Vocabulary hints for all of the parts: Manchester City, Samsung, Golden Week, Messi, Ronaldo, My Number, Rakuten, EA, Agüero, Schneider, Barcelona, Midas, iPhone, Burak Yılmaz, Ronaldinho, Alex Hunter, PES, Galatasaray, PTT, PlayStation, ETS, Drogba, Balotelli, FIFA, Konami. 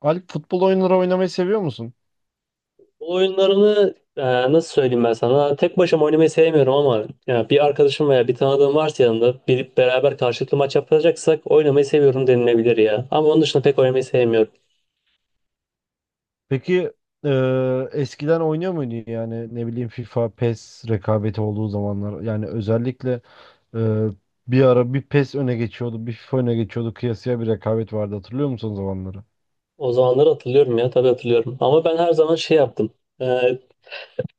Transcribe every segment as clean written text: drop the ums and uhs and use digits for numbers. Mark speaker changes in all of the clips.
Speaker 1: Alp futbol oyunları oynamayı seviyor musun?
Speaker 2: Bu oyunlarını nasıl söyleyeyim ben sana? Tek başıma oynamayı sevmiyorum ama ya bir arkadaşım veya bir tanıdığım varsa yanında bir beraber karşılıklı maç yapacaksak oynamayı seviyorum denilebilir ya. Ama onun dışında pek oynamayı sevmiyorum.
Speaker 1: Peki eskiden oynuyor muydun yani ne bileyim FIFA, PES rekabeti olduğu zamanlar yani özellikle eee, bir ara bir PES öne geçiyordu bir FIFA öne geçiyordu kıyasıya bir rekabet vardı hatırlıyor musun o zamanları?
Speaker 2: O zamanları hatırlıyorum ya, tabii hatırlıyorum. Ama ben her zaman şey yaptım. E,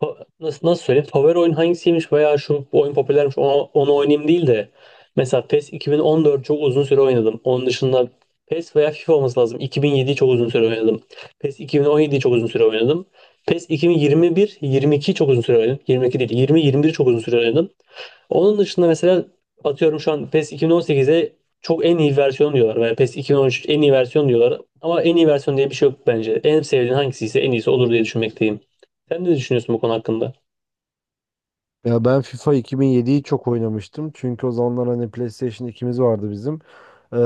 Speaker 2: nasıl söyleyeyim? Favori oyun hangisiymiş veya şu bu oyun popülermiş onu oynayayım değil de mesela PES 2014 çok uzun süre oynadım. Onun dışında PES veya FIFA olması lazım. 2007'yi çok uzun süre oynadım. PES 2017'yi çok uzun süre oynadım. PES 2021, 22 çok uzun süre oynadım. 22 değil, 20, 21 çok uzun süre oynadım. Onun dışında mesela atıyorum şu an PES 2018'e çok en iyi versiyon diyorlar veya PES 2013 en iyi versiyon diyorlar. Ama en iyi versiyon diye bir şey yok bence. En sevdiğin hangisi ise en iyisi olur diye düşünmekteyim. Sen ne düşünüyorsun bu konu hakkında?
Speaker 1: Ya ben FIFA 2007'yi çok oynamıştım. Çünkü o zamanlar hani PlayStation ikimiz vardı bizim. Ee,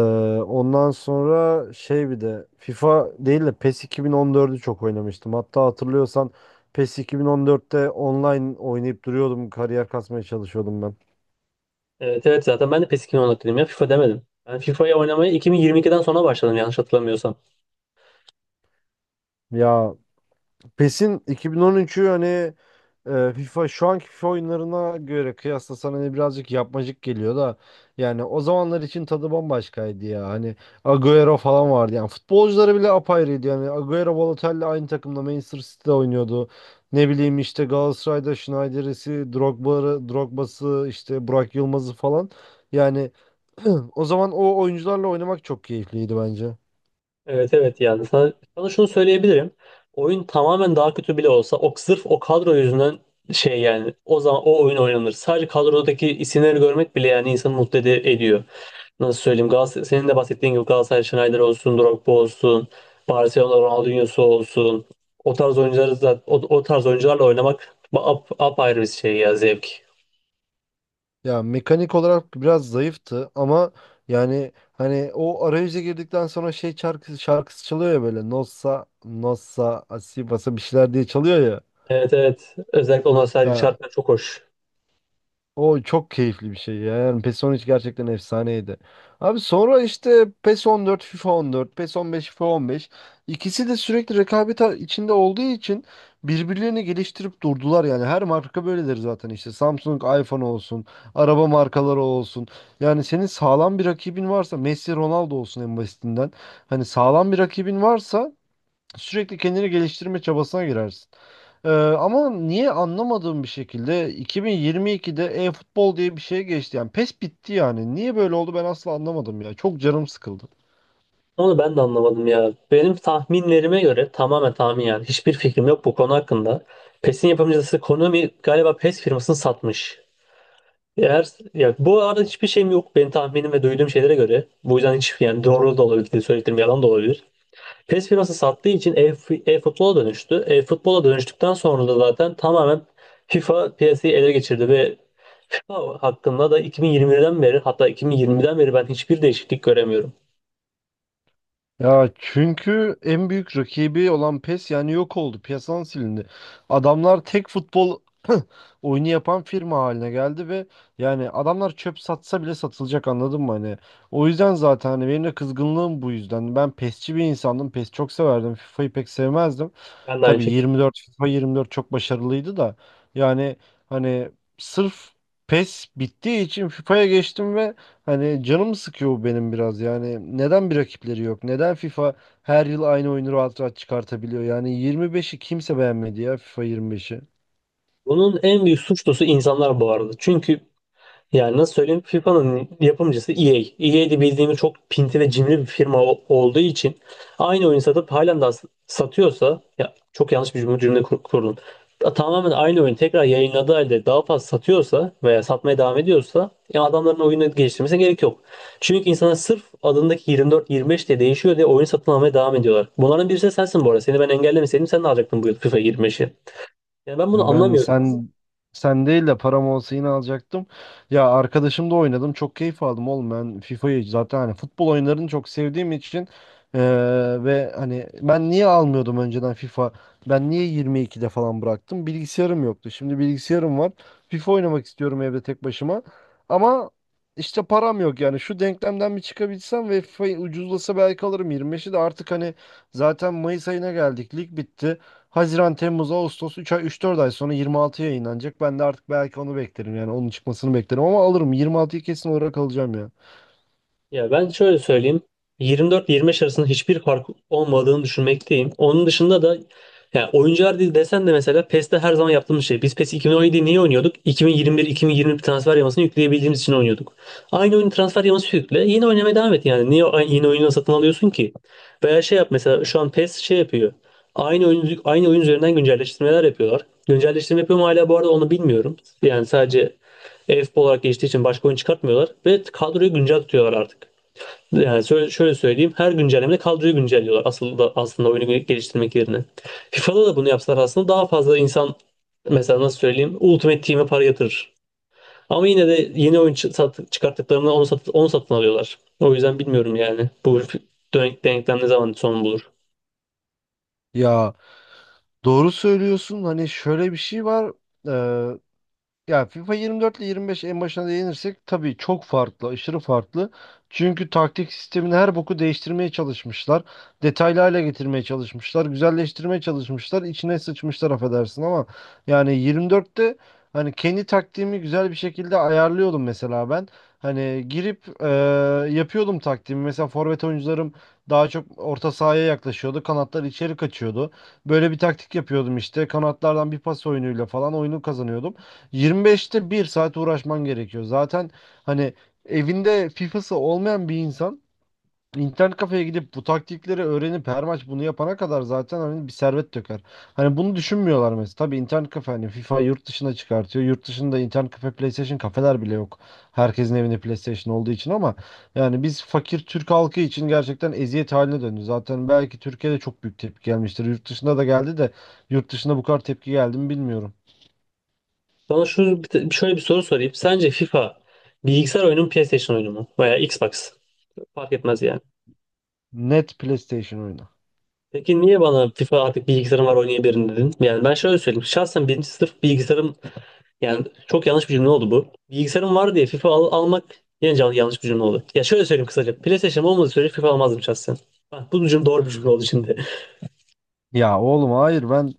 Speaker 1: Ondan sonra şey bir de FIFA değil de PES 2014'ü çok oynamıştım. Hatta hatırlıyorsan PES 2014'te online oynayıp duruyordum. Kariyer kasmaya çalışıyordum ben.
Speaker 2: Evet, evet, zaten ben de PES 2010 hakkındayım ya, FIFA demedim. Ben FIFA'yı oynamaya 2022'den sonra başladım, yanlış hatırlamıyorsam.
Speaker 1: Ya PES'in 2013'ü hani FIFA şu anki FIFA oyunlarına göre kıyaslasan hani birazcık yapmacık geliyor da yani o zamanlar için tadı bambaşkaydı ya. Hani Agüero falan vardı. Yani futbolcuları bile apayrıydı. Yani Agüero Balotelli aynı takımda Manchester City'de oynuyordu. Ne bileyim işte Galatasaray'da Schneider'isi, Drogba'sı, işte Burak Yılmaz'ı falan. Yani o zaman o oyuncularla oynamak çok keyifliydi bence.
Speaker 2: Evet, evet, yani sana şunu söyleyebilirim. Oyun tamamen daha kötü bile olsa, o sırf o kadro yüzünden şey, yani o zaman o oyun oynanır. Sadece kadrodaki isimleri görmek bile yani insanı mutlu ediyor. Nasıl söyleyeyim, Galatasaray, senin de bahsettiğin gibi Galatasaray Schneider olsun, Drogba olsun, Barcelona Ronaldinho'su olsun. O tarz oyuncuları da, o tarz oyuncularla oynamak apayrı bir şey ya, zevk.
Speaker 1: Ya mekanik olarak biraz zayıftı ama yani hani o arayüze girdikten sonra şey şarkısı çalıyor ya böyle Nossa Nossa Asibasa bir şeyler diye çalıyor ya.
Speaker 2: Evet, evet, özellikle o nostalji
Speaker 1: Ya
Speaker 2: şartlar çok hoş.
Speaker 1: o çok keyifli bir şey ya. Yani PES 13 gerçekten efsaneydi. Abi sonra işte PES 14, FIFA 14, PES 15, FIFA 15. İkisi de sürekli rekabet içinde olduğu için birbirlerini geliştirip durdular yani. Her marka böyledir zaten işte. Samsung, iPhone olsun, araba markaları olsun. Yani senin sağlam bir rakibin varsa, Messi, Ronaldo olsun en basitinden. Hani sağlam bir rakibin varsa sürekli kendini geliştirme çabasına girersin. Ama niye anlamadığım bir şekilde 2022'de e-futbol diye bir şey geçti. Yani PES bitti yani. Niye böyle oldu ben asla anlamadım ya. Çok canım sıkıldı.
Speaker 2: Onu ben de anlamadım ya. Benim tahminlerime göre, tamamen tahmin yani. Hiçbir fikrim yok bu konu hakkında. PES'in yapımcısı Konami galiba PES firmasını satmış. Eğer, ya bu arada hiçbir şeyim yok, benim tahminim ve duyduğum şeylere göre. Bu yüzden hiç yani doğru da olabilir, söylediğim yalan da olabilir. PES firması sattığı için e-futbola dönüştü. E-futbola dönüştükten sonra da zaten tamamen FIFA piyasayı ele geçirdi ve FIFA hakkında da 2020'den beri, hatta 2020'den beri ben hiçbir değişiklik göremiyorum.
Speaker 1: Ya çünkü en büyük rakibi olan PES yani yok oldu. Piyasadan silindi. Adamlar tek futbol oyunu yapan firma haline geldi ve yani adamlar çöp satsa bile satılacak anladın mı hani? O yüzden zaten hani benim de kızgınlığım bu yüzden. Ben PES'çi bir insandım. PES çok severdim. FIFA'yı pek sevmezdim.
Speaker 2: Ben de aynı
Speaker 1: Tabii
Speaker 2: şekilde.
Speaker 1: 24, FIFA 24 çok başarılıydı da yani hani sırf PES bittiği için FIFA'ya geçtim ve hani canımı sıkıyor bu benim biraz yani neden bir rakipleri yok? Neden FIFA her yıl aynı oyunu rahat rahat çıkartabiliyor? Yani 25'i kimse beğenmedi ya, FIFA 25'i.
Speaker 2: Bunun en büyük suçlusu insanlar bu arada. Çünkü yani nasıl söyleyeyim, FIFA'nın yapımcısı EA. EA de bildiğimiz çok pinti ve cimri bir firma olduğu için aynı oyun satıp halen daha satıyorsa, ya çok yanlış bir cümle kurdum. Tamamen aynı oyun tekrar yayınladığı halde daha fazla satıyorsa veya satmaya devam ediyorsa, ya adamların oyunu geliştirmesine gerek yok. Çünkü insanlar sırf adındaki 24-25 diye değişiyor diye oyun satın almaya devam ediyorlar. Bunların birisi de sensin bu arada. Seni ben engellemeseydim sen de alacaktın bu yıl FIFA 25'i. Yani ben bunu
Speaker 1: Ya ben
Speaker 2: anlamıyorum.
Speaker 1: sen değil de param olsa yine alacaktım. Ya arkadaşımla oynadım. Çok keyif aldım oğlum. Ben FIFA'yı zaten hani futbol oyunlarını çok sevdiğim için eee, ve hani ben niye almıyordum önceden FIFA? Ben niye 22'de falan bıraktım? Bilgisayarım yoktu. Şimdi bilgisayarım var. FIFA oynamak istiyorum evde tek başıma. Ama işte param yok yani. Şu denklemden bir çıkabilsem ve FIFA ucuzlasa belki alırım. 25'i de artık hani zaten Mayıs ayına geldik. Lig bitti. Haziran, Temmuz, Ağustos 3 ay üç dört ay sonra 26 yayınlanacak. Ben de artık belki onu beklerim yani onun çıkmasını beklerim ama alırım 26'yı kesin olarak alacağım ya.
Speaker 2: Ya ben şöyle söyleyeyim. 24-25 arasında hiçbir fark olmadığını düşünmekteyim. Onun dışında da yani oyuncular değil desen de, mesela PES'te her zaman yaptığımız şey. Biz PES 2017 niye oynuyorduk? Bin yirmi bir iki yirmi bir transfer yamasını yükleyebildiğimiz için oynuyorduk. Aynı oyun, transfer yaması yükle. Yine oynamaya devam et yani. Niye yeni oyunu satın alıyorsun ki? Veya şey yap, mesela şu an PES şey yapıyor. Aynı oyun üzerinden güncelleştirmeler yapıyorlar. Güncelleştirme yapıyor mu hala bu arada, onu bilmiyorum. Yani sadece e-futbol olarak geçtiği için başka oyun çıkartmıyorlar. Ve kadroyu güncel tutuyorlar artık. Yani şöyle söyleyeyim. Her güncellemede kadroyu güncelliyorlar aslında oyunu geliştirmek yerine. FIFA'da da bunu yapsalar aslında daha fazla insan, mesela nasıl söyleyeyim, Ultimate Team'e para yatırır. Ama yine de yeni oyun çıkarttıklarında onu satın alıyorlar. O yüzden bilmiyorum yani bu denklem ne zaman son bulur.
Speaker 1: Ya doğru söylüyorsun hani şöyle bir şey var. Ee, Ya FIFA 24 ile 25 en başına değinirsek tabii çok farklı, aşırı farklı. Çünkü taktik sistemini her boku değiştirmeye çalışmışlar. Detaylı hale getirmeye çalışmışlar. Güzelleştirmeye çalışmışlar. İçine sıçmışlar affedersin ama yani 24'te hani kendi taktiğimi güzel bir şekilde ayarlıyordum mesela ben. Hani girip yapıyordum taktiğimi. Mesela forvet oyuncularım daha çok orta sahaya yaklaşıyordu. Kanatlar içeri kaçıyordu. Böyle bir taktik yapıyordum işte. Kanatlardan bir pas oyunuyla falan oyunu kazanıyordum. 25'te 1 saat uğraşman gerekiyor. Zaten hani evinde FIFA'sı olmayan bir insan internet kafeye gidip bu taktikleri öğrenip her maç bunu yapana kadar zaten hani bir servet döker. Hani bunu düşünmüyorlar mesela. Tabii internet kafe hani FIFA yurt dışına çıkartıyor. Yurt dışında internet kafe PlayStation kafeler bile yok. Herkesin evinde PlayStation olduğu için ama yani biz fakir Türk halkı için gerçekten eziyet haline döndü. Zaten belki Türkiye'de çok büyük tepki gelmiştir. Yurt dışında da geldi de yurt dışında bu kadar tepki geldi mi bilmiyorum.
Speaker 2: Bana şöyle bir soru sorayım. Sence FIFA bilgisayar oyunu mu, PlayStation oyunu mu? Veya Xbox? Fark etmez yani.
Speaker 1: Net PlayStation oyunu.
Speaker 2: Peki niye bana FIFA artık bilgisayarım var oynayabilirim dedin? Yani ben şöyle söyleyeyim. Şahsen birinci sınıf bilgisayarım. Yani çok yanlış bir cümle oldu bu. Bilgisayarım var diye FIFA almak, yine yanlış bir cümle oldu. Ya şöyle söyleyeyim kısaca. PlayStation olmadığı sürece FIFA almazdım şahsen. Bak, bu cümle doğru bir cümle oldu şimdi.
Speaker 1: Ya oğlum hayır ben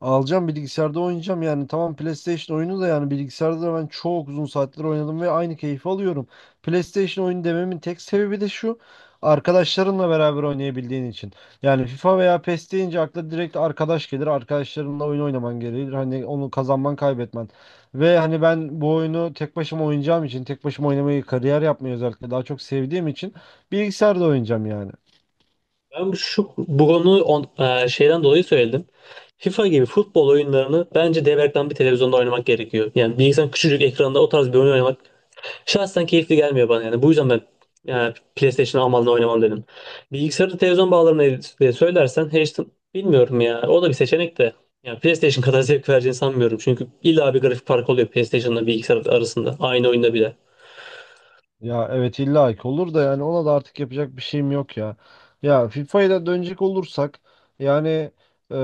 Speaker 1: alacağım bilgisayarda oynayacağım yani tamam PlayStation oyunu da yani bilgisayarda da ben çok uzun saatler oynadım ve aynı keyfi alıyorum. PlayStation oyunu dememin tek sebebi de şu, arkadaşlarınla beraber oynayabildiğin için. Yani FIFA veya PES deyince akla direkt arkadaş gelir arkadaşlarınla oyun oynaman gerekir hani onu kazanman kaybetmen. Ve hani ben bu oyunu tek başıma oynayacağım için tek başıma oynamayı kariyer yapmayı özellikle daha çok sevdiğim için bilgisayarda oynayacağım yani.
Speaker 2: Ben bu- şu bu konuyu şeyden dolayı söyledim. FIFA gibi futbol oyunlarını bence dev ekran bir televizyonda oynamak gerekiyor. Yani bilgisayarın küçücük ekranda o tarz bir oyun oynamak şahsen keyifli gelmiyor bana yani. Bu yüzden ben yani PlayStation almadan oynamam dedim. Bilgisayarı televizyon bağlarına diye söylersen, H'den bilmiyorum ya. O da bir seçenek de. Yani PlayStation kadar zevk vereceğini sanmıyorum. Çünkü illa bir grafik farkı oluyor PlayStation'la bilgisayar arasında. Aynı oyunda bile.
Speaker 1: Ya evet illa ki olur da yani ona da artık yapacak bir şeyim yok ya. Ya FIFA'ya da dönecek olursak yani e,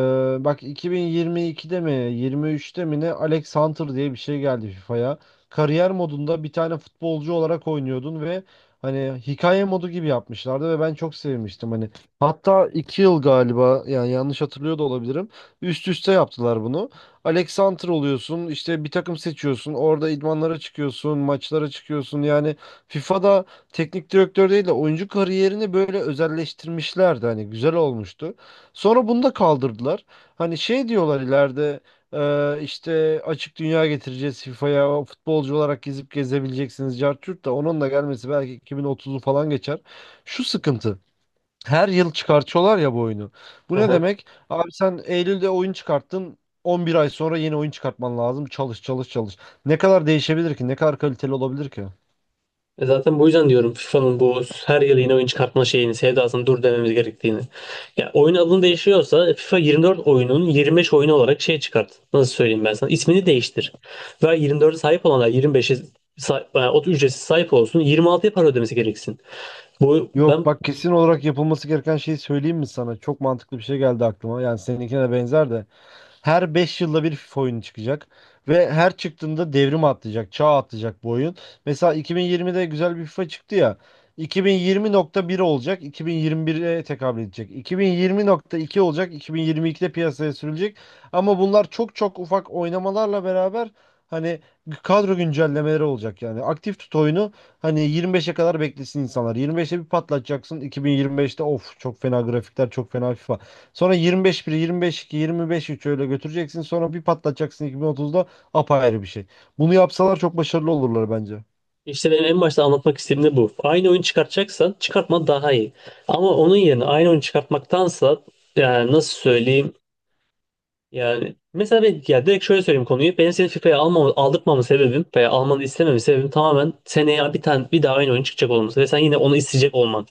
Speaker 1: bak 2022'de mi 23'te mi ne Alex Hunter diye bir şey geldi FIFA'ya. Kariyer modunda bir tane futbolcu olarak oynuyordun ve hani hikaye modu gibi yapmışlardı ve ben çok sevmiştim hani. Hatta 2 yıl galiba yani yanlış hatırlıyor da olabilirim. Üst üste yaptılar bunu. Alex Hunter oluyorsun işte bir takım seçiyorsun orada idmanlara çıkıyorsun maçlara çıkıyorsun yani FIFA'da teknik direktör değil de oyuncu kariyerini böyle özelleştirmişlerdi. Hani güzel olmuştu. Sonra bunu da kaldırdılar. Hani şey diyorlar ileride işte açık dünya getireceğiz FIFA'ya. O futbolcu olarak gezip gezebileceksiniz. Cartürt de onun da gelmesi belki 2030'u falan geçer. Şu sıkıntı. Her yıl çıkartıyorlar ya bu oyunu. Bu ne demek? Abi sen Eylül'de oyun çıkarttın. 11 ay sonra yeni oyun çıkartman lazım. Çalış çalış çalış. Ne kadar değişebilir ki? Ne kadar kaliteli olabilir ki?
Speaker 2: E, zaten bu yüzden diyorum FIFA'nın bu her yıl yeni oyun çıkartma şeyini, sevdasını dur dememiz gerektiğini. Ya oyun adını değişiyorsa FIFA 24 oyunun 25 oyunu olarak şey çıkart. Nasıl söyleyeyim ben sana? İsmini değiştir. Ve 24'e sahip olanlar 25'e yani o ücretsiz sahip olsun. 26'ya para ödemesi gereksin. Bu
Speaker 1: Yok
Speaker 2: ben.
Speaker 1: bak kesin olarak yapılması gereken şeyi söyleyeyim mi sana? Çok mantıklı bir şey geldi aklıma. Yani seninkine de benzer de. Her 5 yılda bir FIFA oyunu çıkacak. Ve her çıktığında devrim atlayacak, çağ atlayacak bu oyun. Mesela 2020'de güzel bir FIFA çıktı ya. 2020.1 olacak, 2021'e tekabül edecek. 2020.2 olacak, 2022'de piyasaya sürülecek. Ama bunlar çok çok ufak oynamalarla beraber hani kadro güncellemeleri olacak yani. Aktif tut oyunu. Hani 25'e kadar beklesin insanlar. 25'e bir patlatacaksın. 2025'te of çok fena grafikler, çok fena FIFA. Sonra 25 1, 25 2, 25 3 öyle götüreceksin. Sonra bir patlatacaksın 2030'da apayrı bir şey. Bunu yapsalar çok başarılı olurlar bence.
Speaker 2: İşte benim en başta anlatmak istediğim de bu. Aynı oyun çıkartacaksan çıkartman daha iyi. Ama onun yerine aynı oyun çıkartmaktansa, yani nasıl söyleyeyim, yani mesela ben, ya direkt şöyle söyleyeyim konuyu. Benim seni FIFA'ya aldırtmamın sebebim veya almanı istememin sebebim tamamen seneye bir tane bir daha aynı oyun çıkacak olması ve sen yine onu isteyecek olman.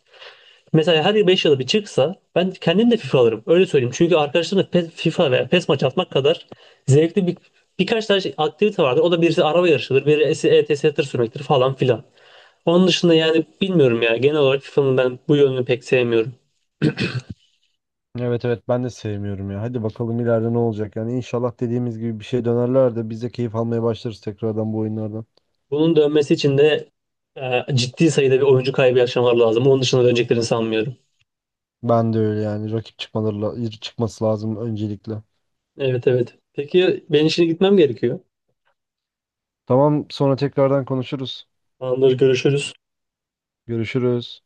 Speaker 2: Mesela her 5 yılda bir çıksa ben kendim de FIFA alırım. Öyle söyleyeyim. Çünkü arkadaşlarımla PES, FIFA veya PES maç atmak kadar zevkli birkaç tane aktivite vardır. O da birisi araba yarışıdır, birisi ETS tır sürmektir falan filan. Onun dışında yani bilmiyorum ya. Genel olarak FIFA'nın ben bu yönünü pek sevmiyorum.
Speaker 1: Evet evet ben de sevmiyorum ya. Hadi bakalım ileride ne olacak. Yani inşallah dediğimiz gibi bir şey dönerler de biz de keyif almaya başlarız tekrardan bu oyunlardan.
Speaker 2: Bunun dönmesi için de ciddi sayıda bir oyuncu kaybı yaşamalar lazım. Onun dışında döneceklerini sanmıyorum.
Speaker 1: Ben de öyle yani. Rakip çıkması lazım öncelikle.
Speaker 2: Evet, evet. Peki, ben işine gitmem gerekiyor.
Speaker 1: Tamam sonra tekrardan konuşuruz.
Speaker 2: Tamamdır, görüşürüz.
Speaker 1: Görüşürüz.